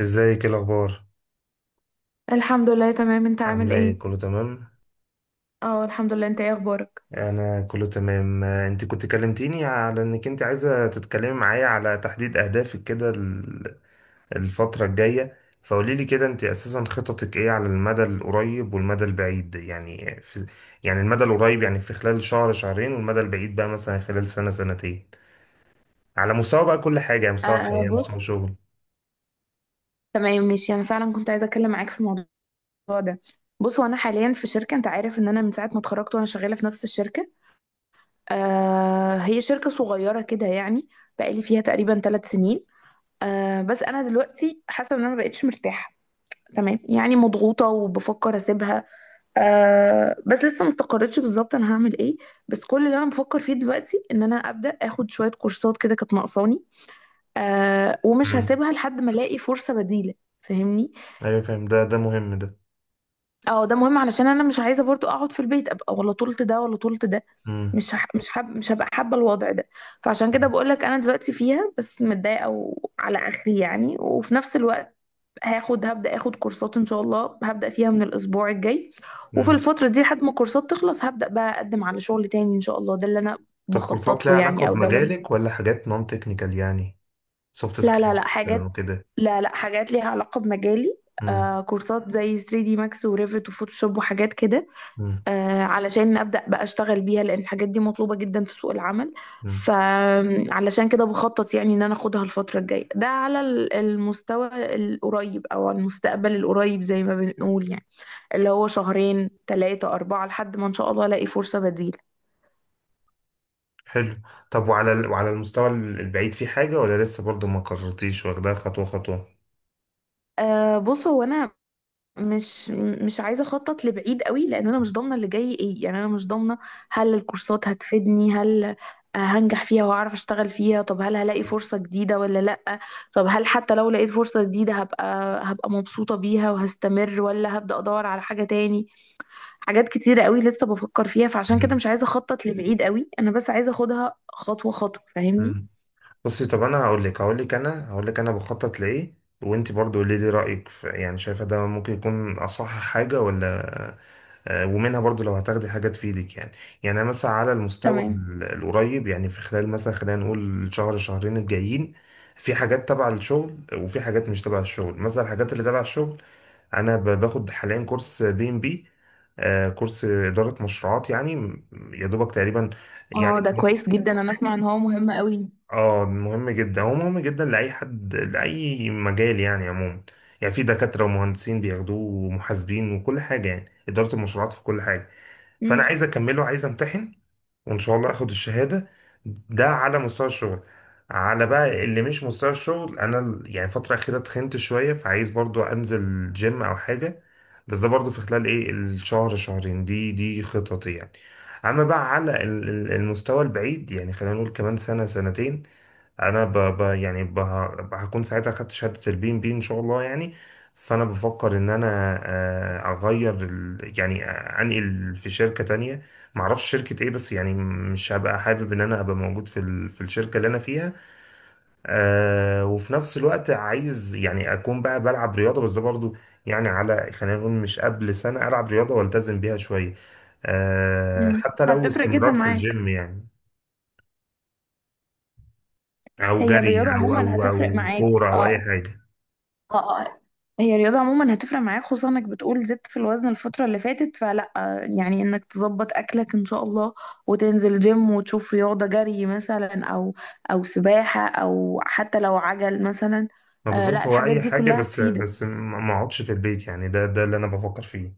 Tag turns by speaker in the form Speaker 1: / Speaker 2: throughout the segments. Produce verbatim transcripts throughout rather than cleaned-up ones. Speaker 1: ازيك، ايه الاخبار؟
Speaker 2: الحمد لله، تمام. انت عامل
Speaker 1: عامله ايه،
Speaker 2: ايه؟
Speaker 1: كله تمام؟
Speaker 2: اه، الحمد لله. انت ايه اخبارك؟
Speaker 1: انا كله تمام. آه، انت كنت كلمتيني على انك انت عايزه تتكلمي معايا على تحديد اهدافك كده، ال- الفتره الجايه. فقولي لي كده، انت اساسا خططك ايه على المدى القريب والمدى البعيد؟ يعني في يعني المدى القريب، يعني في خلال شهر شهرين، والمدى البعيد بقى مثلا خلال سنه سنتين، على مستوى بقى كل حاجه، يعني مستوى
Speaker 2: آه،
Speaker 1: حياه
Speaker 2: بص.
Speaker 1: مستوى شغل.
Speaker 2: تمام ماشي، انا فعلا كنت عايزه اتكلم معاك في الموضوع ده. بص، وانا حاليا في شركه، انت عارف ان انا من ساعه ما اتخرجت وانا شغاله في نفس الشركه. آه هي شركه صغيره كده يعني. بقالي فيها تقريبا ثلاث سنين. آه بس انا دلوقتي حاسه ان انا ما بقتش مرتاحه. تمام، يعني مضغوطه وبفكر اسيبها. آه بس لسه ما استقرتش بالظبط انا هعمل ايه. بس كل اللي انا بفكر فيه دلوقتي ان انا ابدا اخد شويه كورسات كده كانت ناقصاني. آه ومش
Speaker 1: امم
Speaker 2: هسيبها لحد ما الاقي فرصة بديلة. فاهمني؟
Speaker 1: ايوه فاهم، ده ده مهم ده.
Speaker 2: اه، ده مهم، علشان انا مش عايزة برضو اقعد في البيت، ابقى ولا طولت ده ولا طولت ده. مش هح... مش حب... مش هبقى حابة الوضع ده. فعشان كده بقولك، انا دلوقتي فيها بس متضايقة وعلى اخري يعني، وفي نفس الوقت هاخد هبدأ اخد كورسات ان شاء الله، هبدأ فيها من الاسبوع الجاي. وفي
Speaker 1: امم
Speaker 2: الفترة دي لحد ما الكورسات تخلص، هبدأ بقى اقدم على شغل تاني ان شاء الله. ده اللي انا
Speaker 1: طب كورسات
Speaker 2: بخطط
Speaker 1: ليها
Speaker 2: له
Speaker 1: علاقة
Speaker 2: يعني، او ده اللي انا.
Speaker 1: بمجالك، ولا حاجات نون تكنيكال، يعني سوفت
Speaker 2: لا لا
Speaker 1: سكيلز
Speaker 2: لا حاجات
Speaker 1: وكده؟
Speaker 2: لا، لا، حاجات ليها علاقة بمجالي.
Speaker 1: امم
Speaker 2: آه كورسات زي ثري دي Max وريفت وفوتوشوب وحاجات كده.
Speaker 1: امم
Speaker 2: آه علشان أبدأ بقى أشتغل بيها، لأن الحاجات دي مطلوبة جدا في سوق العمل.
Speaker 1: امم
Speaker 2: فعلشان كده بخطط يعني إن أنا أخدها الفترة الجاية، ده على ال- المستوى القريب، أو على المستقبل القريب زي ما بنقول يعني، اللي هو شهرين ثلاثة أربعة لحد ما إن شاء الله ألاقي فرصة بديلة.
Speaker 1: حلو. طب وعلى ال- وعلى المستوى ال- البعيد في حاجة، ولا لسه برضو ما قررتيش، واخدها خطوة خطوة؟
Speaker 2: آه، بص، هو أنا مش مش عايزه اخطط لبعيد قوي، لان انا مش ضامنه اللي جاي ايه يعني. انا مش ضامنه هل الكورسات هتفيدني، هل آه، هنجح فيها وهعرف اشتغل فيها؟ طب هل هلاقي فرصه جديده ولا لا؟ طب هل حتى لو لقيت فرصه جديده هبقى هبقى مبسوطه بيها وهستمر، ولا هبدا ادور على حاجه تاني؟ حاجات كتيره قوي لسه بفكر فيها، فعشان كده
Speaker 1: امم
Speaker 2: مش عايزه اخطط لبعيد قوي، انا بس عايزه اخدها خطوه خطوه. فاهمني؟
Speaker 1: امم بصي، طب انا هقول لك هقول لك انا هقول لك انا بخطط لايه. وانت برضو قولي لي رأيك، في يعني شايفة ده ممكن يكون اصح حاجة ولا. آه، ومنها برضو لو هتاخدي حاجة تفيدك يعني. يعني أنا مثلا على المستوى
Speaker 2: تمام.
Speaker 1: ال- القريب، يعني في خلال مثلا خلينا نقول شهر شهرين الجايين، في حاجات تبع الشغل، وفي حاجات مش تبع الشغل. مثلا الحاجات اللي تبع الشغل، انا ب- باخد حاليا كورس بي ام بي، كورس اداره مشروعات يعني، م- يا دوبك تقريبا
Speaker 2: اه،
Speaker 1: يعني.
Speaker 2: ده كويس جدا، انا اسمع ان هو مهم قوي.
Speaker 1: اه مهم جدا، هو مهم جدا لأي حد لأي مجال يعني عموما. يعني في دكاترة ومهندسين بياخدوه ومحاسبين وكل حاجة، يعني إدارة المشروعات في كل حاجة. فأنا
Speaker 2: امم.
Speaker 1: عايز أكمله، عايز أمتحن، وإن شاء الله أخد الشهادة. ده على مستوى الشغل. على بقى اللي مش مستوى الشغل، أنا ال- يعني الفترة الأخيرة تخنت شوية، فعايز برضو أنزل جيم أو حاجة. بس ده برضو في خلال إيه، الشهر شهرين، دي دي خططي يعني. أما بقى على ال- ال- المستوى البعيد، يعني خلينا نقول كمان سنة سنتين، انا ب... ب... يعني ب... ه- هكون ساعتها خدت شهاده البي ام بي ان شاء الله يعني. فانا بفكر ان انا آه، اغير ال... يعني آه، انقل في شركه تانية، معرفش شركه ايه بس يعني. مش هبقى حابب ان انا ابقى موجود في ال... في الشركه اللي انا فيها. آه، وفي نفس الوقت عايز يعني اكون بقى بلعب رياضه. بس ده برضو يعني على، خلينا نقول مش قبل سنه، العب رياضه والتزم بيها شويه. آه، حتى لو
Speaker 2: هتفرق جدا
Speaker 1: استمرار في
Speaker 2: معاك.
Speaker 1: الجيم يعني، او
Speaker 2: هي
Speaker 1: جري
Speaker 2: الرياضة
Speaker 1: او او
Speaker 2: عموما
Speaker 1: او
Speaker 2: هتفرق معاك،
Speaker 1: كوره او اي
Speaker 2: اه.
Speaker 1: حاجه.
Speaker 2: اه. آه. هي الرياضة عموما هتفرق معاك، خصوصا انك بتقول زدت في الوزن الفترة اللي فاتت. فلا آه، يعني انك تظبط اكلك ان شاء الله وتنزل جيم وتشوف رياضة جري مثلا، او او سباحة او حتى لو عجل مثلا.
Speaker 1: ما
Speaker 2: آه، لا،
Speaker 1: بالظبط، هو
Speaker 2: الحاجات
Speaker 1: اي
Speaker 2: دي
Speaker 1: حاجه،
Speaker 2: كلها
Speaker 1: بس
Speaker 2: هتفيدك.
Speaker 1: بس ما ما اقعدش في البيت، يعني ده ده اللي انا بفكر فيه.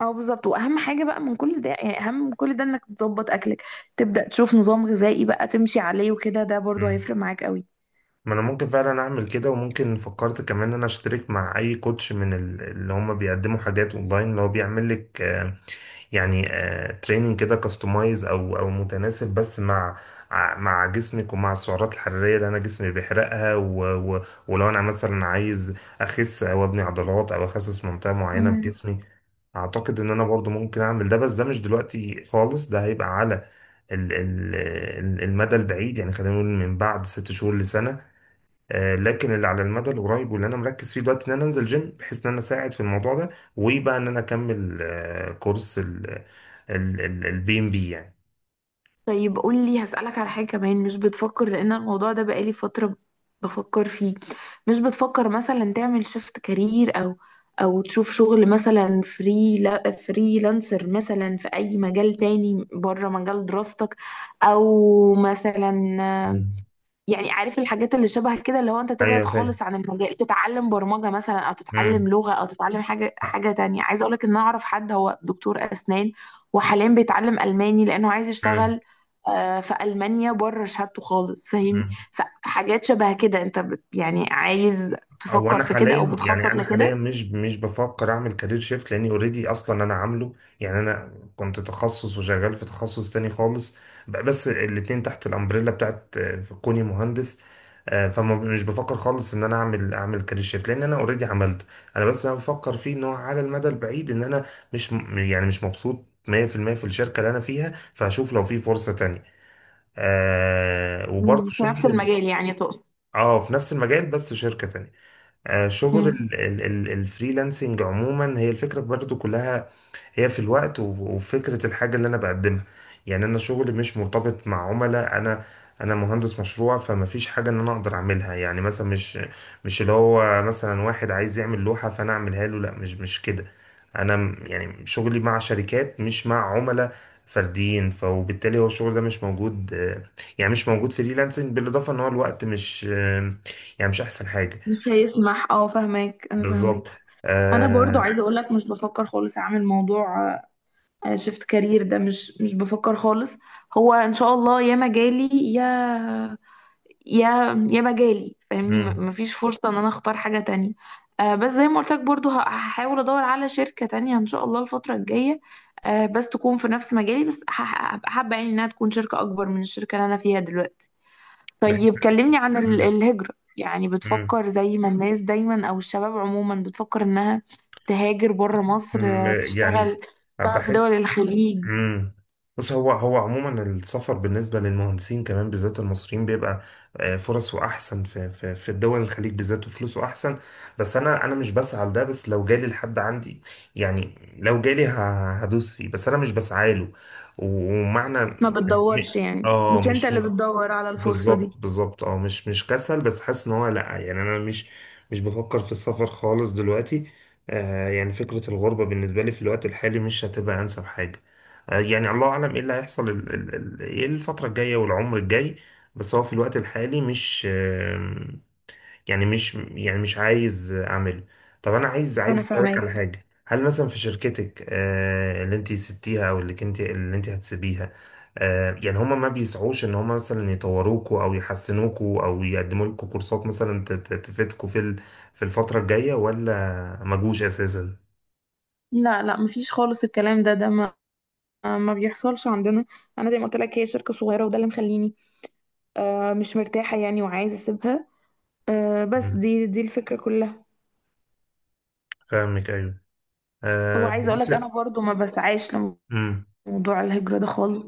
Speaker 2: اه، بالظبط. واهم حاجة بقى من كل ده يعني، اهم من كل ده انك تظبط اكلك، تبدأ تشوف نظام غذائي بقى تمشي عليه وكده، ده برضو
Speaker 1: مم.
Speaker 2: هيفرق معاك قوي.
Speaker 1: ما انا ممكن فعلا اعمل كده، وممكن فكرت كمان ان انا اشترك مع اي كوتش من ال- اللي هم بيقدموا حاجات اونلاين، اللي هو بيعمل لك آه، يعني تريننج كده كاستمايز، او او متناسب بس مع ع- مع جسمك، ومع السعرات الحراريه اللي انا جسمي بيحرقها، و- و- ولو انا مثلا عايز اخس، او ابني عضلات، او اخسس منطقه معينه في
Speaker 2: مم.
Speaker 1: جسمي، اعتقد ان انا برضو ممكن اعمل ده. بس ده مش دلوقتي خالص، ده هيبقى على ال- ال- ال- المدى البعيد، يعني خلينا نقول من بعد ست شهور لسنة. آه، لكن اللي على المدى القريب، واللي انا مركز فيه دلوقتي، ان انا انزل جيم بحيث ان انا اساعد في الموضوع ده، ويبقى ان انا اكمل آه، كورس ال البي ام بي يعني.
Speaker 2: طيب، قولي، هسألك على حاجة كمان. مش بتفكر، لأن الموضوع ده بقالي فترة بفكر فيه، مش بتفكر مثلا تعمل شيفت كارير، أو أو تشوف شغل مثلا فري لا فريلانسر مثلا في أي مجال تاني بره مجال دراستك؟ أو مثلا
Speaker 1: مم.
Speaker 2: يعني، عارف الحاجات اللي شبه كده، اللي هو انت تبعد
Speaker 1: ايوه
Speaker 2: خالص عن المجال، تتعلم برمجة مثلا او تتعلم
Speaker 1: فاهم.
Speaker 2: لغة او تتعلم حاجة حاجة تانية. عايزة اقولك ان انا اعرف حد هو دكتور اسنان، وحاليا بيتعلم الماني لانه عايز يشتغل آه، في المانيا بره شهادته خالص. فاهمني؟
Speaker 1: امم
Speaker 2: فحاجات شبه كده انت بت- يعني عايز
Speaker 1: هو
Speaker 2: تفكر
Speaker 1: انا
Speaker 2: في كده او
Speaker 1: حاليا يعني،
Speaker 2: بتخطط
Speaker 1: انا حاليا
Speaker 2: لكده؟
Speaker 1: مش مش بفكر اعمل كارير شيفت، لاني اوريدي اصلا انا عامله. يعني انا كنت تخصص، وشغال في تخصص تاني خالص. ب- بس الاتنين تحت الامبريلا بتاعت آه، كوني مهندس. آه، فما مش بفكر خالص ان انا اعمل اعمل كارير شيفت، لان انا اوريدي عملته. انا بس انا بفكر فيه ان هو على المدى البعيد، ان انا مش، م- يعني مش مبسوط مية في المية في المية في الشركة اللي انا فيها، فهشوف لو في فرصة تانية. آه، وبرضه
Speaker 2: مم، في نفس
Speaker 1: شغل ال-
Speaker 2: المجال يعني تقصد.
Speaker 1: اه في نفس المجال، بس شركة تانية. آه، شغل
Speaker 2: مم.
Speaker 1: ال- ال- ال- الفريلانسنج عموما هي الفكرة برضو كلها، هي في الوقت، و- وفكرة الحاجة اللي أنا بقدمها. يعني أنا شغلي مش مرتبط مع عملاء. أنا أنا مهندس مشروع، فما فيش حاجة إن أنا أقدر أعملها. يعني مثلا مش مش اللي هو مثلا واحد عايز يعمل لوحة فأنا أعملها له، لا مش مش كده. أنا م- يعني شغلي مع شركات، مش مع عملاء فرديين. ف- وبالتالي هو الشغل ده مش موجود، آه، يعني مش موجود فريلانسنج. بالإضافة إن هو الوقت مش آه، يعني مش أحسن حاجة.
Speaker 2: مش هيسمح. اه، فاهمك، انا فاهمك.
Speaker 1: بالظبط،
Speaker 2: انا برضو
Speaker 1: آه.
Speaker 2: عايزه اقول لك مش بفكر خالص اعمل موضوع آه، شفت كارير ده، مش مش بفكر خالص. هو ان شاء الله يا مجالي يا يا يا مجالي، فاهمني. م-
Speaker 1: مم.
Speaker 2: مفيش فرصة ان انا اختار حاجة تانية. آه بس زي ما قلت لك برضو ه- هحاول ادور على شركة تانية ان شاء الله الفترة الجاية، آه بس تكون في نفس مجالي. بس هح- هبقى حابة يعني انها تكون شركة اكبر من الشركة اللي انا فيها دلوقتي. طيب،
Speaker 1: بحس.
Speaker 2: كلمني عن ال-
Speaker 1: مم.
Speaker 2: الهجرة. يعني
Speaker 1: مم.
Speaker 2: بتفكر زي ما الناس دايما او الشباب عموما بتفكر انها تهاجر بره مصر،
Speaker 1: مم.
Speaker 2: آه،
Speaker 1: يعني
Speaker 2: تشتغل تشتغل في دول
Speaker 1: بحس.
Speaker 2: الخليج؟
Speaker 1: مم. بص، هو هو عموما السفر بالنسبة للمهندسين كمان بالذات المصريين بيبقى آه، فرصه أحسن في في في الدول الخليج بالذات، وفلوسه أحسن. بس أنا أنا مش بسعى لده، بس لو جالي لحد عندي، يعني لو جالي ه- هدوس فيه، بس أنا مش بسعى له. ومعنى
Speaker 2: ما
Speaker 1: يعني
Speaker 2: بتدورش
Speaker 1: م-
Speaker 2: يعني،
Speaker 1: اه
Speaker 2: مش انت
Speaker 1: مش،
Speaker 2: اللي بتدور على الفرصة دي.
Speaker 1: بالظبط بالظبط. اه مش مش كسل، بس حاسس ان هو لا، يعني انا مش مش بفكر في السفر خالص دلوقتي. آه يعني فكرة الغربة بالنسبة لي في الوقت الحالي مش هتبقى انسب حاجة. آه يعني الله اعلم ايه اللي هيحصل ال- ال- ال- ايه الفترة الجاية والعمر الجاي. بس هو في الوقت الحالي مش، يعني مش يعني مش عايز اعمله. طب انا عايز، عايز
Speaker 2: انا
Speaker 1: اسالك على
Speaker 2: فاهمك.
Speaker 1: حاجه. هل مثلا في شركتك آه، اللي انت سبتيها، او اللي كنت اللي انت هتسيبيها، آه، يعني هما ما بيسعوش ان هما مثلا يطوروكوا او يحسنوكوا، او يقدموا لكم كورسات مثلا ت- ت- تفيدكوا في ال- في الفتره الجايه، ولا ما جوش اساسا؟
Speaker 2: لا، لا، مفيش خالص. الكلام ده ده ما ما بيحصلش عندنا. انا زي ما قلت لك، هي شركة صغيرة وده اللي مخليني آه مش مرتاحة يعني وعايزة اسيبها. آه بس
Speaker 1: مم.
Speaker 2: دي دي الفكرة كلها.
Speaker 1: فاهمك ايوه. آه،
Speaker 2: وعايزة اقول
Speaker 1: بص.
Speaker 2: لك انا برضو ما بسعاش
Speaker 1: امم
Speaker 2: لموضوع الهجرة ده خالص.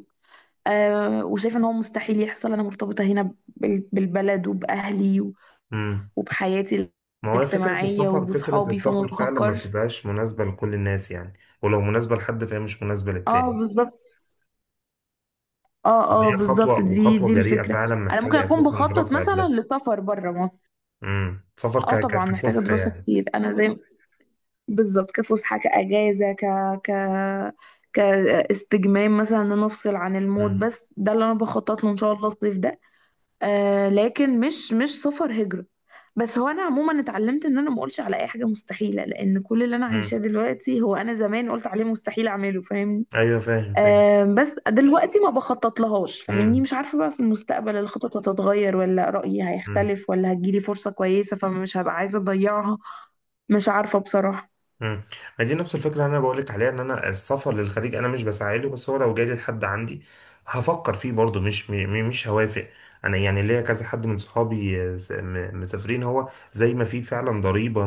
Speaker 2: آه وشايفة ان هو مستحيل يحصل، انا مرتبطة هنا بال- بالبلد وبأهلي
Speaker 1: امم
Speaker 2: وبحياتي
Speaker 1: ما هو فكره
Speaker 2: الاجتماعية
Speaker 1: السفر فكره
Speaker 2: وبصحابي، فما
Speaker 1: السفر فعلا ما
Speaker 2: بفكرش.
Speaker 1: بتبقاش مناسبه لكل الناس يعني، ولو مناسبة لحد فهي مش مناسبة
Speaker 2: اه،
Speaker 1: للتاني.
Speaker 2: بالظبط. اه. اه،
Speaker 1: هي
Speaker 2: بالظبط.
Speaker 1: خطوة،
Speaker 2: دي
Speaker 1: وخطوة
Speaker 2: دي
Speaker 1: جريئة
Speaker 2: الفكرة.
Speaker 1: فعلا،
Speaker 2: انا ممكن
Speaker 1: محتاجة
Speaker 2: اكون
Speaker 1: أساسا
Speaker 2: بخطط
Speaker 1: دراسة قبلها.
Speaker 2: مثلا لسفر بره مصر.
Speaker 1: امم سفر
Speaker 2: اه،
Speaker 1: ك- ك-
Speaker 2: طبعا محتاجة
Speaker 1: كفسحة
Speaker 2: دراسة
Speaker 1: يعني؟
Speaker 2: كتير. انا زي. بالظبط، كفسحة، كأجازة، ك ك كاستجمام مثلا، ان انا افصل عن المود.
Speaker 1: امم
Speaker 2: بس ده اللي انا بخطط له ان شاء الله الصيف ده. آه لكن مش مش سفر هجرة. بس هو انا عموما اتعلمت ان انا ما اقولش على اي حاجة مستحيلة، لان كل اللي انا
Speaker 1: امم
Speaker 2: عايشاه دلوقتي هو انا زمان قلت عليه مستحيل اعمله. فاهمني؟
Speaker 1: أيوه فاهم فاهم.
Speaker 2: آم، بس دلوقتي ما بخطط لهاش. فاهمني؟ مش عارفة بقى، في المستقبل الخطط هتتغير ولا رأيي
Speaker 1: امم
Speaker 2: هيختلف، ولا هتجيلي فرصة كويسة فمش هبقى عايزة أضيعها. مش عارفة بصراحة.
Speaker 1: امم ما دي نفس الفكره اللي انا بقول لك عليها، ان انا السفر للخليج انا مش بساعده، بس هو لو جالي لحد عندي هفكر فيه برضه، مش م- م- مش هوافق. انا يعني ليا كذا حد من صحابي آه، س- م- مسافرين. هو زي ما في فعلا ضريبه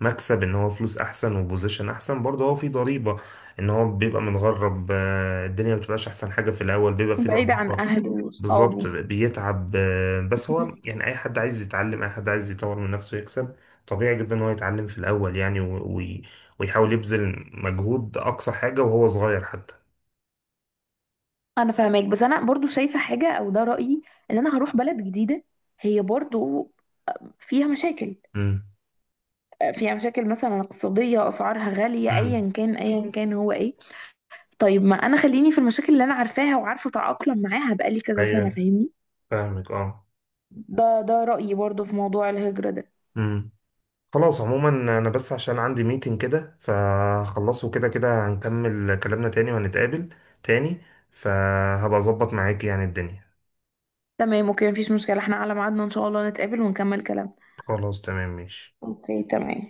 Speaker 1: مكسب، ان هو فلوس احسن وبوزيشن احسن، برضه هو في ضريبه ان هو بيبقى متغرب. آه، الدنيا ما بتبقاش احسن حاجه في الاول، بيبقى في
Speaker 2: بعيدة عن
Speaker 1: لخبطه
Speaker 2: أهلي
Speaker 1: بالظبط،
Speaker 2: وصحابي.
Speaker 1: بيتعب. آه، بس هو يعني اي حد عايز يتعلم، اي حد عايز يطور من نفسه يكسب، طبيعي جدا ان هو يتعلم في الاول يعني. و- وي- ويحاول يبذل مجهود اقصى حاجه وهو صغير حتى.
Speaker 2: أنا فاهماك، بس أنا برضو شايفة حاجة، أو ده رأيي، إن أنا هروح بلد جديدة هي برضو فيها مشاكل،
Speaker 1: امم
Speaker 2: فيها مشاكل مثلا اقتصادية، أسعارها غالية،
Speaker 1: امم
Speaker 2: أيا كان أيا كان هو إيه. طيب، ما أنا خليني في المشاكل اللي أنا عارفاها وعارفة أتأقلم معاها بقالي كذا سنة.
Speaker 1: ايوه
Speaker 2: فاهمني؟
Speaker 1: فاهمك اه.
Speaker 2: ده ده رأيي برضو في موضوع الهجرة ده.
Speaker 1: امم خلاص عموما، انا بس عشان عندي ميتنج كده فخلصه كده، كده هنكمل كلامنا تاني وهنتقابل تاني. فهبقى اظبط معاك يعني الدنيا.
Speaker 2: تمام، اوكي، مفيش مشكلة، احنا على ميعادنا ان شاء الله، نتقابل ونكمل كلامنا.
Speaker 1: خلاص تمام ماشي.
Speaker 2: اوكي، تمام.